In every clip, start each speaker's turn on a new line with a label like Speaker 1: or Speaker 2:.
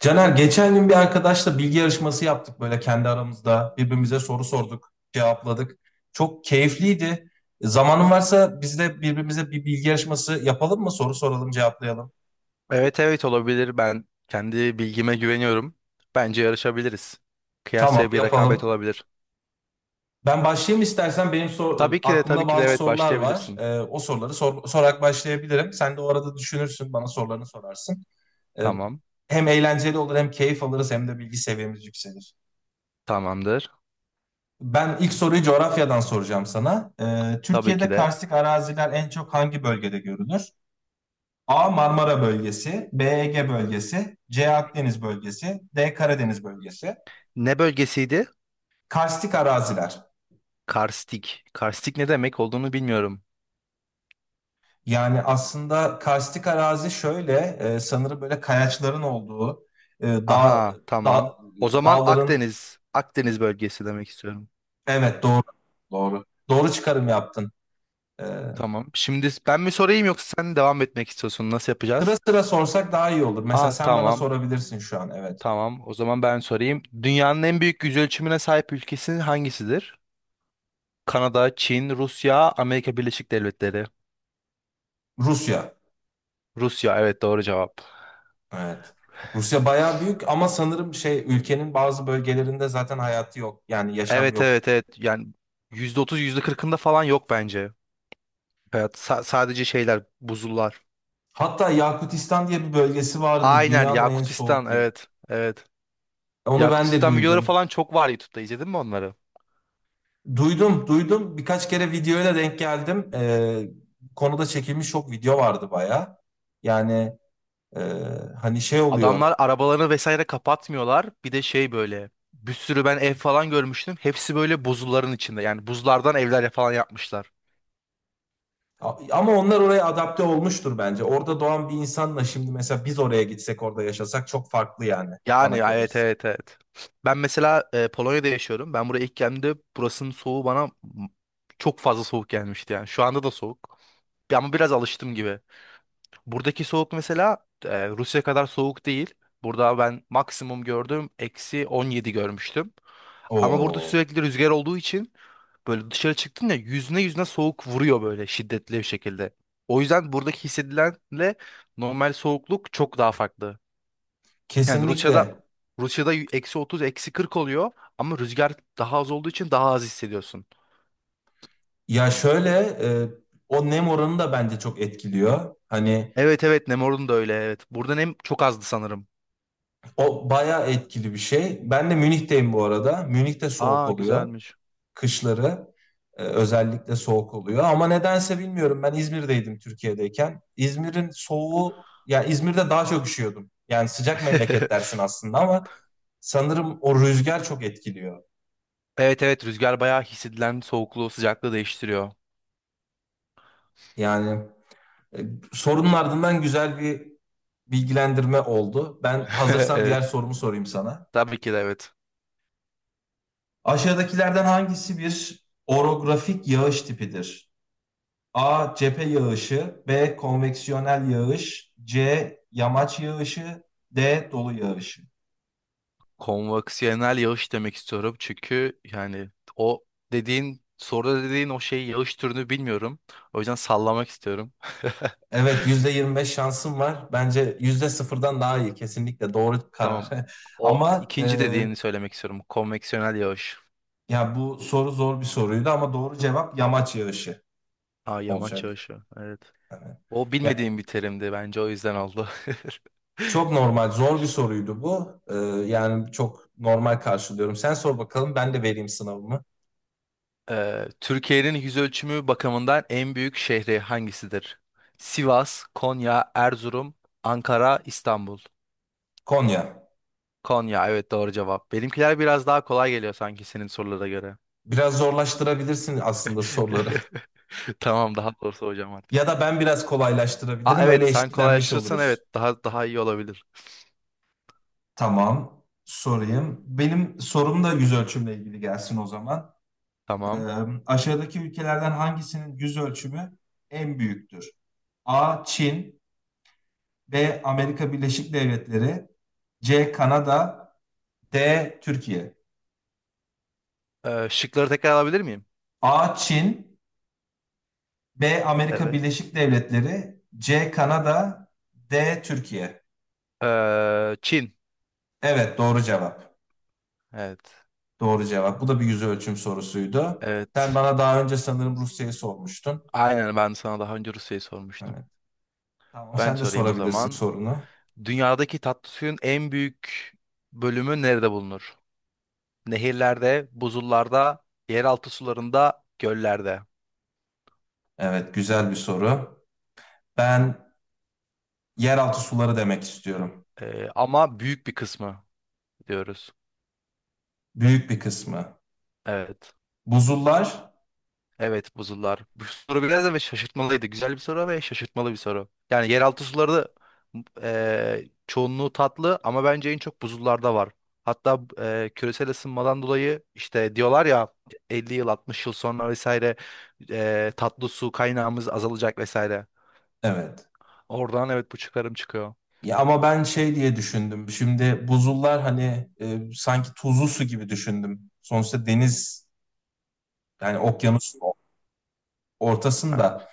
Speaker 1: Caner geçen gün bir arkadaşla bilgi yarışması yaptık böyle kendi aramızda. Birbirimize soru sorduk, cevapladık. Çok keyifliydi. Zamanın varsa biz de birbirimize bir bilgi yarışması yapalım mı? Soru soralım, cevaplayalım.
Speaker 2: Evet, olabilir. Ben kendi bilgime güveniyorum. Bence yarışabiliriz.
Speaker 1: Tamam,
Speaker 2: Kıyasaya bir rekabet
Speaker 1: yapalım.
Speaker 2: olabilir.
Speaker 1: Ben başlayayım istersen. Benim
Speaker 2: Tabii ki de tabii
Speaker 1: aklımda
Speaker 2: ki de
Speaker 1: bazı
Speaker 2: evet
Speaker 1: sorular var.
Speaker 2: başlayabilirsin.
Speaker 1: O soruları sorarak başlayabilirim. Sen de o arada düşünürsün, bana sorularını sorarsın. Ee,
Speaker 2: Tamam.
Speaker 1: Hem eğlenceli olur, hem keyif alırız, hem de bilgi seviyemiz yükselir.
Speaker 2: Tamamdır.
Speaker 1: Ben ilk soruyu coğrafyadan soracağım sana.
Speaker 2: Tabii
Speaker 1: Türkiye'de
Speaker 2: ki de.
Speaker 1: karstik araziler en çok hangi bölgede görülür? A. Marmara bölgesi, B. Ege bölgesi, C. Akdeniz bölgesi, D. Karadeniz bölgesi.
Speaker 2: Ne bölgesiydi?
Speaker 1: Karstik araziler.
Speaker 2: Karstik. Karstik ne demek olduğunu bilmiyorum.
Speaker 1: Yani aslında karstik arazi şöyle, sanırım böyle kayaçların olduğu, e, dağ,
Speaker 2: Aha, tamam.
Speaker 1: dağ-
Speaker 2: O zaman
Speaker 1: dağların,
Speaker 2: Akdeniz. Akdeniz bölgesi demek istiyorum.
Speaker 1: evet doğru çıkarım yaptın. Ee,
Speaker 2: Tamam. Şimdi ben mi sorayım yoksa sen devam etmek istiyorsun? Nasıl
Speaker 1: Sıra
Speaker 2: yapacağız?
Speaker 1: sıra sorsak daha iyi olur. Mesela
Speaker 2: Aa,
Speaker 1: sen bana
Speaker 2: tamam.
Speaker 1: sorabilirsin şu an, evet.
Speaker 2: Tamam. O zaman ben sorayım. Dünyanın en büyük yüzölçümüne sahip ülkesi hangisidir? Kanada, Çin, Rusya, Amerika Birleşik Devletleri.
Speaker 1: Rusya.
Speaker 2: Rusya, evet, doğru cevap.
Speaker 1: Evet. Rusya bayağı büyük ama sanırım şey ülkenin bazı bölgelerinde zaten hayatı yok. Yani yaşam
Speaker 2: Evet
Speaker 1: yok.
Speaker 2: evet evet yani yüzde otuz, yüzde kırkında falan yok bence. Evet, sadece şeyler, buzullar.
Speaker 1: Hatta Yakutistan diye bir bölgesi vardı.
Speaker 2: Aynen,
Speaker 1: Dünyanın en
Speaker 2: Yakutistan,
Speaker 1: soğuk yeri.
Speaker 2: evet.
Speaker 1: Onu ben de
Speaker 2: Yakutistan videoları
Speaker 1: duydum.
Speaker 2: falan çok var YouTube'da, izledin mi onları?
Speaker 1: Duydum, duydum. Birkaç kere videoyla denk geldim. Bu konuda çekilmiş çok video vardı bayağı. Yani e, hani şey oluyor.
Speaker 2: Adamlar arabalarını vesaire kapatmıyorlar. Bir de şey, böyle bir sürü ben ev falan görmüştüm. Hepsi böyle buzulların içinde, yani buzlardan evler falan yapmışlar.
Speaker 1: Ama onlar oraya adapte olmuştur bence. Orada doğan bir insanla şimdi mesela biz oraya gitsek orada yaşasak çok farklı yani
Speaker 2: Yani
Speaker 1: bana
Speaker 2: evet
Speaker 1: kalırsa.
Speaker 2: evet evet. Ben mesela Polonya'da yaşıyorum. Ben buraya ilk geldiğimde burasının soğuğu bana m- çok fazla soğuk gelmişti yani. Şu anda da soğuk. Ama biraz alıştım gibi. Buradaki soğuk mesela Rusya kadar soğuk değil. Burada ben maksimum gördüm, eksi 17 görmüştüm. Ama burada
Speaker 1: Oo.
Speaker 2: sürekli rüzgar olduğu için böyle dışarı çıktın ya, yüzüne yüzüne soğuk vuruyor, böyle şiddetli bir şekilde. O yüzden buradaki hissedilenle normal soğukluk çok daha farklı. Yani
Speaker 1: Kesinlikle.
Speaker 2: Rusya'da eksi 30, eksi 40 oluyor ama rüzgar daha az olduğu için daha az hissediyorsun.
Speaker 1: Ya şöyle o nem oranı da bence çok etkiliyor. Hani
Speaker 2: Evet, Nemor'un da öyle, evet. Burada nem çok azdı sanırım.
Speaker 1: o bayağı etkili bir şey. Ben de Münih'teyim bu arada. Münih'te soğuk
Speaker 2: Aa,
Speaker 1: oluyor.
Speaker 2: güzelmiş.
Speaker 1: Kışları özellikle soğuk oluyor. Ama nedense bilmiyorum ben İzmir'deydim Türkiye'deyken. İzmir'in soğuğu ya İzmir'de daha çok üşüyordum. Yani sıcak memleket dersin aslında ama sanırım o rüzgar çok etkiliyor.
Speaker 2: Evet, rüzgar bayağı hissedilen soğukluğu sıcaklığı değiştiriyor.
Speaker 1: Yani e, sorunun ardından güzel bir bilgilendirme oldu. Ben hazırsan diğer
Speaker 2: Evet.
Speaker 1: sorumu sorayım sana.
Speaker 2: Tabii ki de, evet.
Speaker 1: Aşağıdakilerden hangisi bir orografik yağış tipidir? A. Cephe yağışı B. Konveksiyonel yağış C. Yamaç yağışı D. Dolu yağışı
Speaker 2: Konvaksiyonel yağış demek istiyorum, çünkü yani o dediğin soruda dediğin o şey yağış türünü bilmiyorum. O yüzden sallamak istiyorum.
Speaker 1: Evet yüzde yirmi beş şansım var. Bence %0'dan daha iyi. Kesinlikle doğru karar.
Speaker 2: Tamam. O
Speaker 1: Ama
Speaker 2: ikinci dediğini söylemek istiyorum. Konveksiyonel yağış.
Speaker 1: ya bu soru zor bir soruydu ama doğru cevap yamaç yağışı
Speaker 2: Ha, yamaç
Speaker 1: olacak.
Speaker 2: yağışı. Evet.
Speaker 1: Yani,
Speaker 2: O
Speaker 1: ya,
Speaker 2: bilmediğim bir terimdi bence, o yüzden oldu.
Speaker 1: çok normal, zor bir soruydu bu. Yani çok normal karşılıyorum. Sen sor bakalım ben de vereyim sınavımı.
Speaker 2: Türkiye'nin yüz ölçümü bakımından en büyük şehri hangisidir? Sivas, Konya, Erzurum, Ankara, İstanbul.
Speaker 1: Konya.
Speaker 2: Konya, evet, doğru cevap. Benimkiler biraz daha kolay geliyor sanki senin sorulara göre.
Speaker 1: Biraz zorlaştırabilirsin aslında soruları.
Speaker 2: Tamam, daha doğrusu hocam artık.
Speaker 1: Ya da ben biraz
Speaker 2: Aa
Speaker 1: kolaylaştırabilirim. Öyle
Speaker 2: evet, sen
Speaker 1: eşitlenmiş
Speaker 2: kolaylaştırırsan
Speaker 1: oluruz.
Speaker 2: evet, daha iyi olabilir.
Speaker 1: Tamam. Sorayım. Benim sorum da yüz ölçümle ilgili gelsin o zaman. Ee,
Speaker 2: Tamam.
Speaker 1: Aşağıdaki ülkelerden hangisinin yüz ölçümü en büyüktür? A. Çin B. Amerika Birleşik Devletleri C. Kanada D. Türkiye.
Speaker 2: Şıkları tekrar alabilir miyim?
Speaker 1: A. Çin B. Amerika
Speaker 2: Evet.
Speaker 1: Birleşik Devletleri C. Kanada D. Türkiye.
Speaker 2: Çin.
Speaker 1: Evet, doğru cevap.
Speaker 2: Evet.
Speaker 1: Doğru cevap. Bu da bir yüz ölçüm sorusuydu. Sen
Speaker 2: Evet.
Speaker 1: bana daha önce sanırım Rusya'yı sormuştun.
Speaker 2: Aynen, ben sana daha önce Rusya'yı sormuştum.
Speaker 1: Evet. Tamam.
Speaker 2: Ben
Speaker 1: Sen de
Speaker 2: sorayım o
Speaker 1: sorabilirsin
Speaker 2: zaman.
Speaker 1: sorunu.
Speaker 2: Dünyadaki tatlı suyun en büyük bölümü nerede bulunur? Nehirlerde, buzullarda, yeraltı sularında, göllerde.
Speaker 1: Evet, güzel bir soru. Ben yeraltı suları demek istiyorum.
Speaker 2: Ama büyük bir kısmı diyoruz.
Speaker 1: Büyük bir kısmı.
Speaker 2: Evet.
Speaker 1: Buzullar,
Speaker 2: Evet, buzullar. Bu soru biraz da ve şaşırtmalıydı. Güzel bir soru ve şaşırtmalı bir soru. Yani yeraltı suları da çoğunluğu tatlı ama bence en çok buzullarda var. Hatta küresel ısınmadan dolayı işte diyorlar ya, 50 yıl 60 yıl sonra vesaire, tatlı su kaynağımız azalacak vesaire.
Speaker 1: evet.
Speaker 2: Oradan evet, bu çıkarım çıkıyor.
Speaker 1: Ya ama ben şey diye düşündüm. Şimdi buzullar hani sanki tuzlu su gibi düşündüm. Sonuçta deniz yani okyanusun
Speaker 2: Yani
Speaker 1: ortasında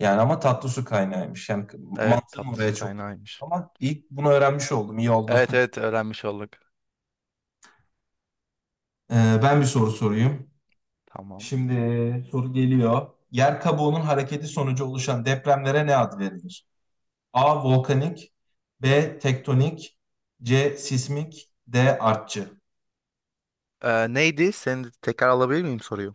Speaker 1: yani ama tatlı su kaynağıymış. Yani
Speaker 2: evet,
Speaker 1: mantığım
Speaker 2: tatlı
Speaker 1: oraya
Speaker 2: su
Speaker 1: çok gitti.
Speaker 2: kaynağıymış.
Speaker 1: Ama ilk bunu öğrenmiş oldum. İyi oldu.
Speaker 2: Evet, öğrenmiş olduk.
Speaker 1: Ee, Ben bir soru sorayım.
Speaker 2: Tamam.
Speaker 1: Şimdi soru geliyor. Yer kabuğunun hareketi sonucu oluşan depremlere ne ad verilir? A. Volkanik B. Tektonik C. Sismik D. Artçı
Speaker 2: Neydi? Seni tekrar alabilir miyim soruyu?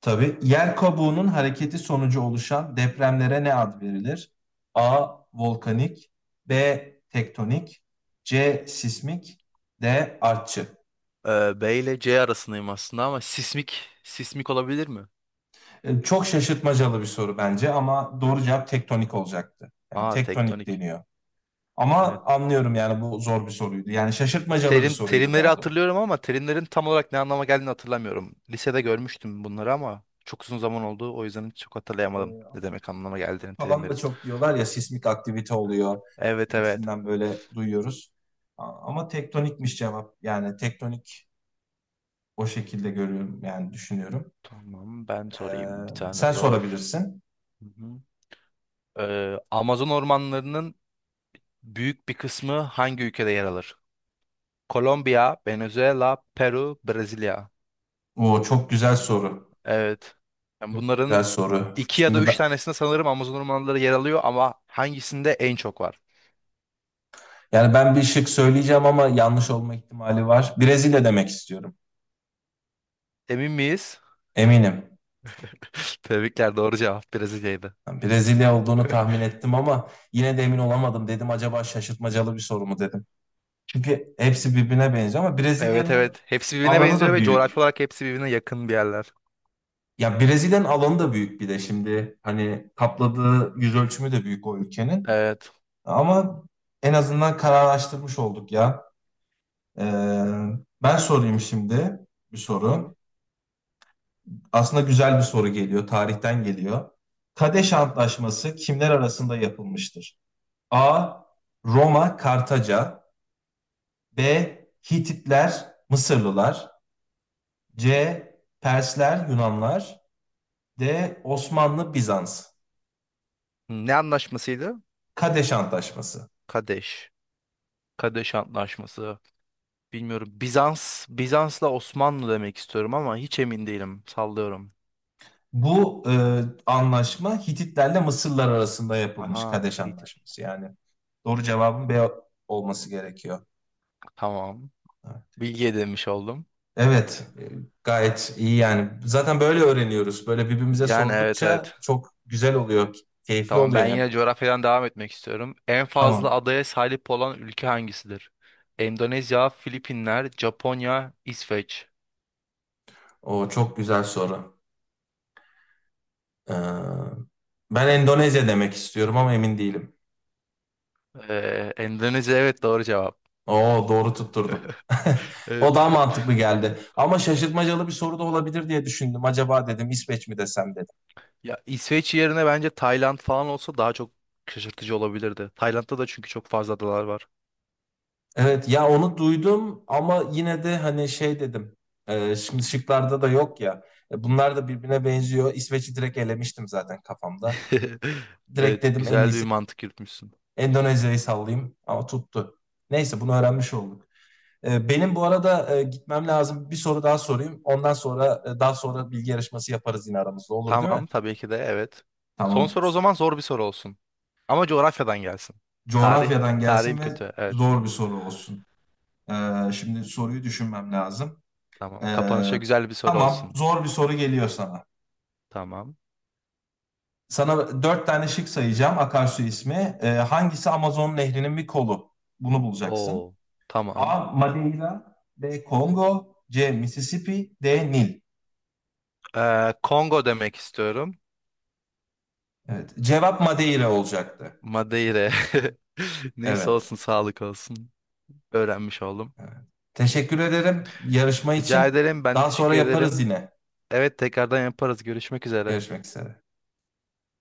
Speaker 1: Tabii. Yer kabuğunun hareketi sonucu oluşan depremlere ne ad verilir? A. Volkanik B. Tektonik C. Sismik D. Artçı
Speaker 2: B ile C arasındayım aslında ama sismik, olabilir mi?
Speaker 1: Çok şaşırtmacalı bir soru bence ama doğru cevap tektonik olacaktı. Yani
Speaker 2: Aa,
Speaker 1: tektonik
Speaker 2: tektonik.
Speaker 1: deniyor. Ama
Speaker 2: Evet.
Speaker 1: anlıyorum yani bu zor bir soruydu. Yani şaşırtmacalı bir soruydu
Speaker 2: Terimleri
Speaker 1: daha doğrusu.
Speaker 2: hatırlıyorum ama terimlerin tam olarak ne anlama geldiğini hatırlamıyorum. Lisede görmüştüm bunları ama çok uzun zaman oldu, o yüzden çok hatırlayamadım
Speaker 1: Ee,
Speaker 2: ne demek anlama geldiğini
Speaker 1: Falan da
Speaker 2: terimlerin.
Speaker 1: çok diyorlar ya sismik aktivite oluyor
Speaker 2: Evet.
Speaker 1: gibisinden böyle duyuyoruz. Ama tektonikmiş cevap. Yani tektonik o şekilde görüyorum yani düşünüyorum.
Speaker 2: Tamam, ben sorayım
Speaker 1: Ee,
Speaker 2: bir tane
Speaker 1: Sen
Speaker 2: zor.
Speaker 1: sorabilirsin.
Speaker 2: Hı hı. Amazon ormanlarının büyük bir kısmı hangi ülkede yer alır? Kolombiya, Venezuela, Peru, Brezilya.
Speaker 1: O çok güzel soru.
Speaker 2: Evet. Yani
Speaker 1: Çok güzel
Speaker 2: bunların
Speaker 1: soru.
Speaker 2: iki ya da
Speaker 1: Şimdi
Speaker 2: üç
Speaker 1: ben
Speaker 2: tanesinde sanırım Amazon ormanları yer alıyor ama hangisinde en çok var?
Speaker 1: yani ben bir şık söyleyeceğim ama yanlış olma ihtimali var. Brezilya demek istiyorum.
Speaker 2: Emin miyiz?
Speaker 1: Eminim.
Speaker 2: Tebrikler, doğru cevap Brezilya'ydı.
Speaker 1: Yani Brezilya olduğunu tahmin ettim ama yine de emin olamadım. Dedim acaba şaşırtmacalı bir soru mu dedim. Çünkü hepsi birbirine benziyor ama
Speaker 2: Evet
Speaker 1: Brezilya'nın
Speaker 2: evet. Hepsi birbirine
Speaker 1: alanı
Speaker 2: benziyor
Speaker 1: da
Speaker 2: ve
Speaker 1: büyük.
Speaker 2: coğrafi olarak hepsi birbirine yakın bir yerler.
Speaker 1: Ya Brezilya'nın alanı da büyük bir de şimdi hani kapladığı yüz ölçümü de büyük o ülkenin.
Speaker 2: Evet.
Speaker 1: Ama en azından kararlaştırmış olduk ya. Ee, Ben sorayım şimdi bir
Speaker 2: Tamam.
Speaker 1: soru. Aslında güzel bir soru geliyor, tarihten geliyor. Kadeş Antlaşması kimler arasında yapılmıştır? A. Roma, Kartaca. B. Hititler, Mısırlılar. C. Persler, Yunanlar. D. Osmanlı, Bizans.
Speaker 2: Ne anlaşmasıydı?
Speaker 1: Kadeş Antlaşması.
Speaker 2: Kadeş. Kadeş Antlaşması. Bilmiyorum. Bizans'la Osmanlı demek istiyorum ama hiç emin değilim. Sallıyorum.
Speaker 1: Bu anlaşma Hititlerle Mısırlar arasında yapılmış
Speaker 2: Aha.
Speaker 1: Kadeş
Speaker 2: Hitit.
Speaker 1: Antlaşması. Yani doğru cevabın B olması gerekiyor.
Speaker 2: Tamam. Bilgi edinmiş oldum.
Speaker 1: Evet, gayet iyi yani. Zaten böyle öğreniyoruz. Böyle birbirimize
Speaker 2: Yani evet
Speaker 1: sordukça
Speaker 2: evet.
Speaker 1: çok güzel oluyor, keyifli
Speaker 2: Tamam,
Speaker 1: oluyor
Speaker 2: ben
Speaker 1: hem.
Speaker 2: yine coğrafyadan devam etmek istiyorum. En fazla
Speaker 1: Tamam.
Speaker 2: adaya sahip olan ülke hangisidir? Endonezya, Filipinler, Japonya, İsveç.
Speaker 1: O çok güzel soru. Ee, Ben Endonezya demek istiyorum ama emin değilim.
Speaker 2: Endonezya, evet, doğru cevap.
Speaker 1: Oo doğru tutturdum. O daha
Speaker 2: Evet.
Speaker 1: mantıklı geldi. Ama şaşırtmacalı bir soru da olabilir diye düşündüm. Acaba dedim İsveç mi desem dedim.
Speaker 2: Ya İsveç yerine bence Tayland falan olsa daha çok şaşırtıcı olabilirdi. Tayland'da da çünkü çok fazla adalar var.
Speaker 1: Evet ya onu duydum ama yine de hani şey dedim. Şimdi şıklarda da yok ya. Bunlar da birbirine benziyor. İsveç'i direkt elemiştim zaten kafamda. Direkt
Speaker 2: Evet,
Speaker 1: dedim en
Speaker 2: güzel bir
Speaker 1: iyisi
Speaker 2: mantık yürütmüşsün.
Speaker 1: Endonezya'yı sallayayım ama tuttu. Neyse bunu öğrenmiş olduk. Benim bu arada gitmem lazım. Bir soru daha sorayım. Ondan sonra daha sonra bilgi yarışması yaparız yine aramızda. Olur değil mi?
Speaker 2: Tamam, tabii ki de, evet. Son
Speaker 1: Tamam.
Speaker 2: soru o zaman zor bir soru olsun. Ama coğrafyadan gelsin. Tarih,
Speaker 1: Coğrafyadan
Speaker 2: tarihim
Speaker 1: gelsin ve
Speaker 2: kötü. Evet.
Speaker 1: zor bir soru olsun. Şimdi soruyu düşünmem lazım.
Speaker 2: Tamam.
Speaker 1: Ee,
Speaker 2: Kapanışa güzel bir soru
Speaker 1: tamam.
Speaker 2: olsun.
Speaker 1: Zor bir soru geliyor sana.
Speaker 2: Tamam.
Speaker 1: Sana dört tane şık sayacağım akarsu ismi. Hangisi Amazon Nehri'nin bir kolu? Bunu bulacaksın.
Speaker 2: Oo. Tamam.
Speaker 1: A. Madeira. B. Kongo. C. Mississippi. D. Nil.
Speaker 2: Kongo demek istiyorum.
Speaker 1: Evet. Cevap Madeira olacaktı.
Speaker 2: Madeira. Neyse,
Speaker 1: Evet.
Speaker 2: olsun, sağlık olsun. Öğrenmiş oldum.
Speaker 1: Evet. Teşekkür ederim yarışma
Speaker 2: Rica
Speaker 1: için.
Speaker 2: ederim. Ben de
Speaker 1: Daha sonra
Speaker 2: teşekkür
Speaker 1: yaparız
Speaker 2: ederim.
Speaker 1: yine.
Speaker 2: Evet, tekrardan yaparız. Görüşmek üzere.
Speaker 1: Görüşmek üzere.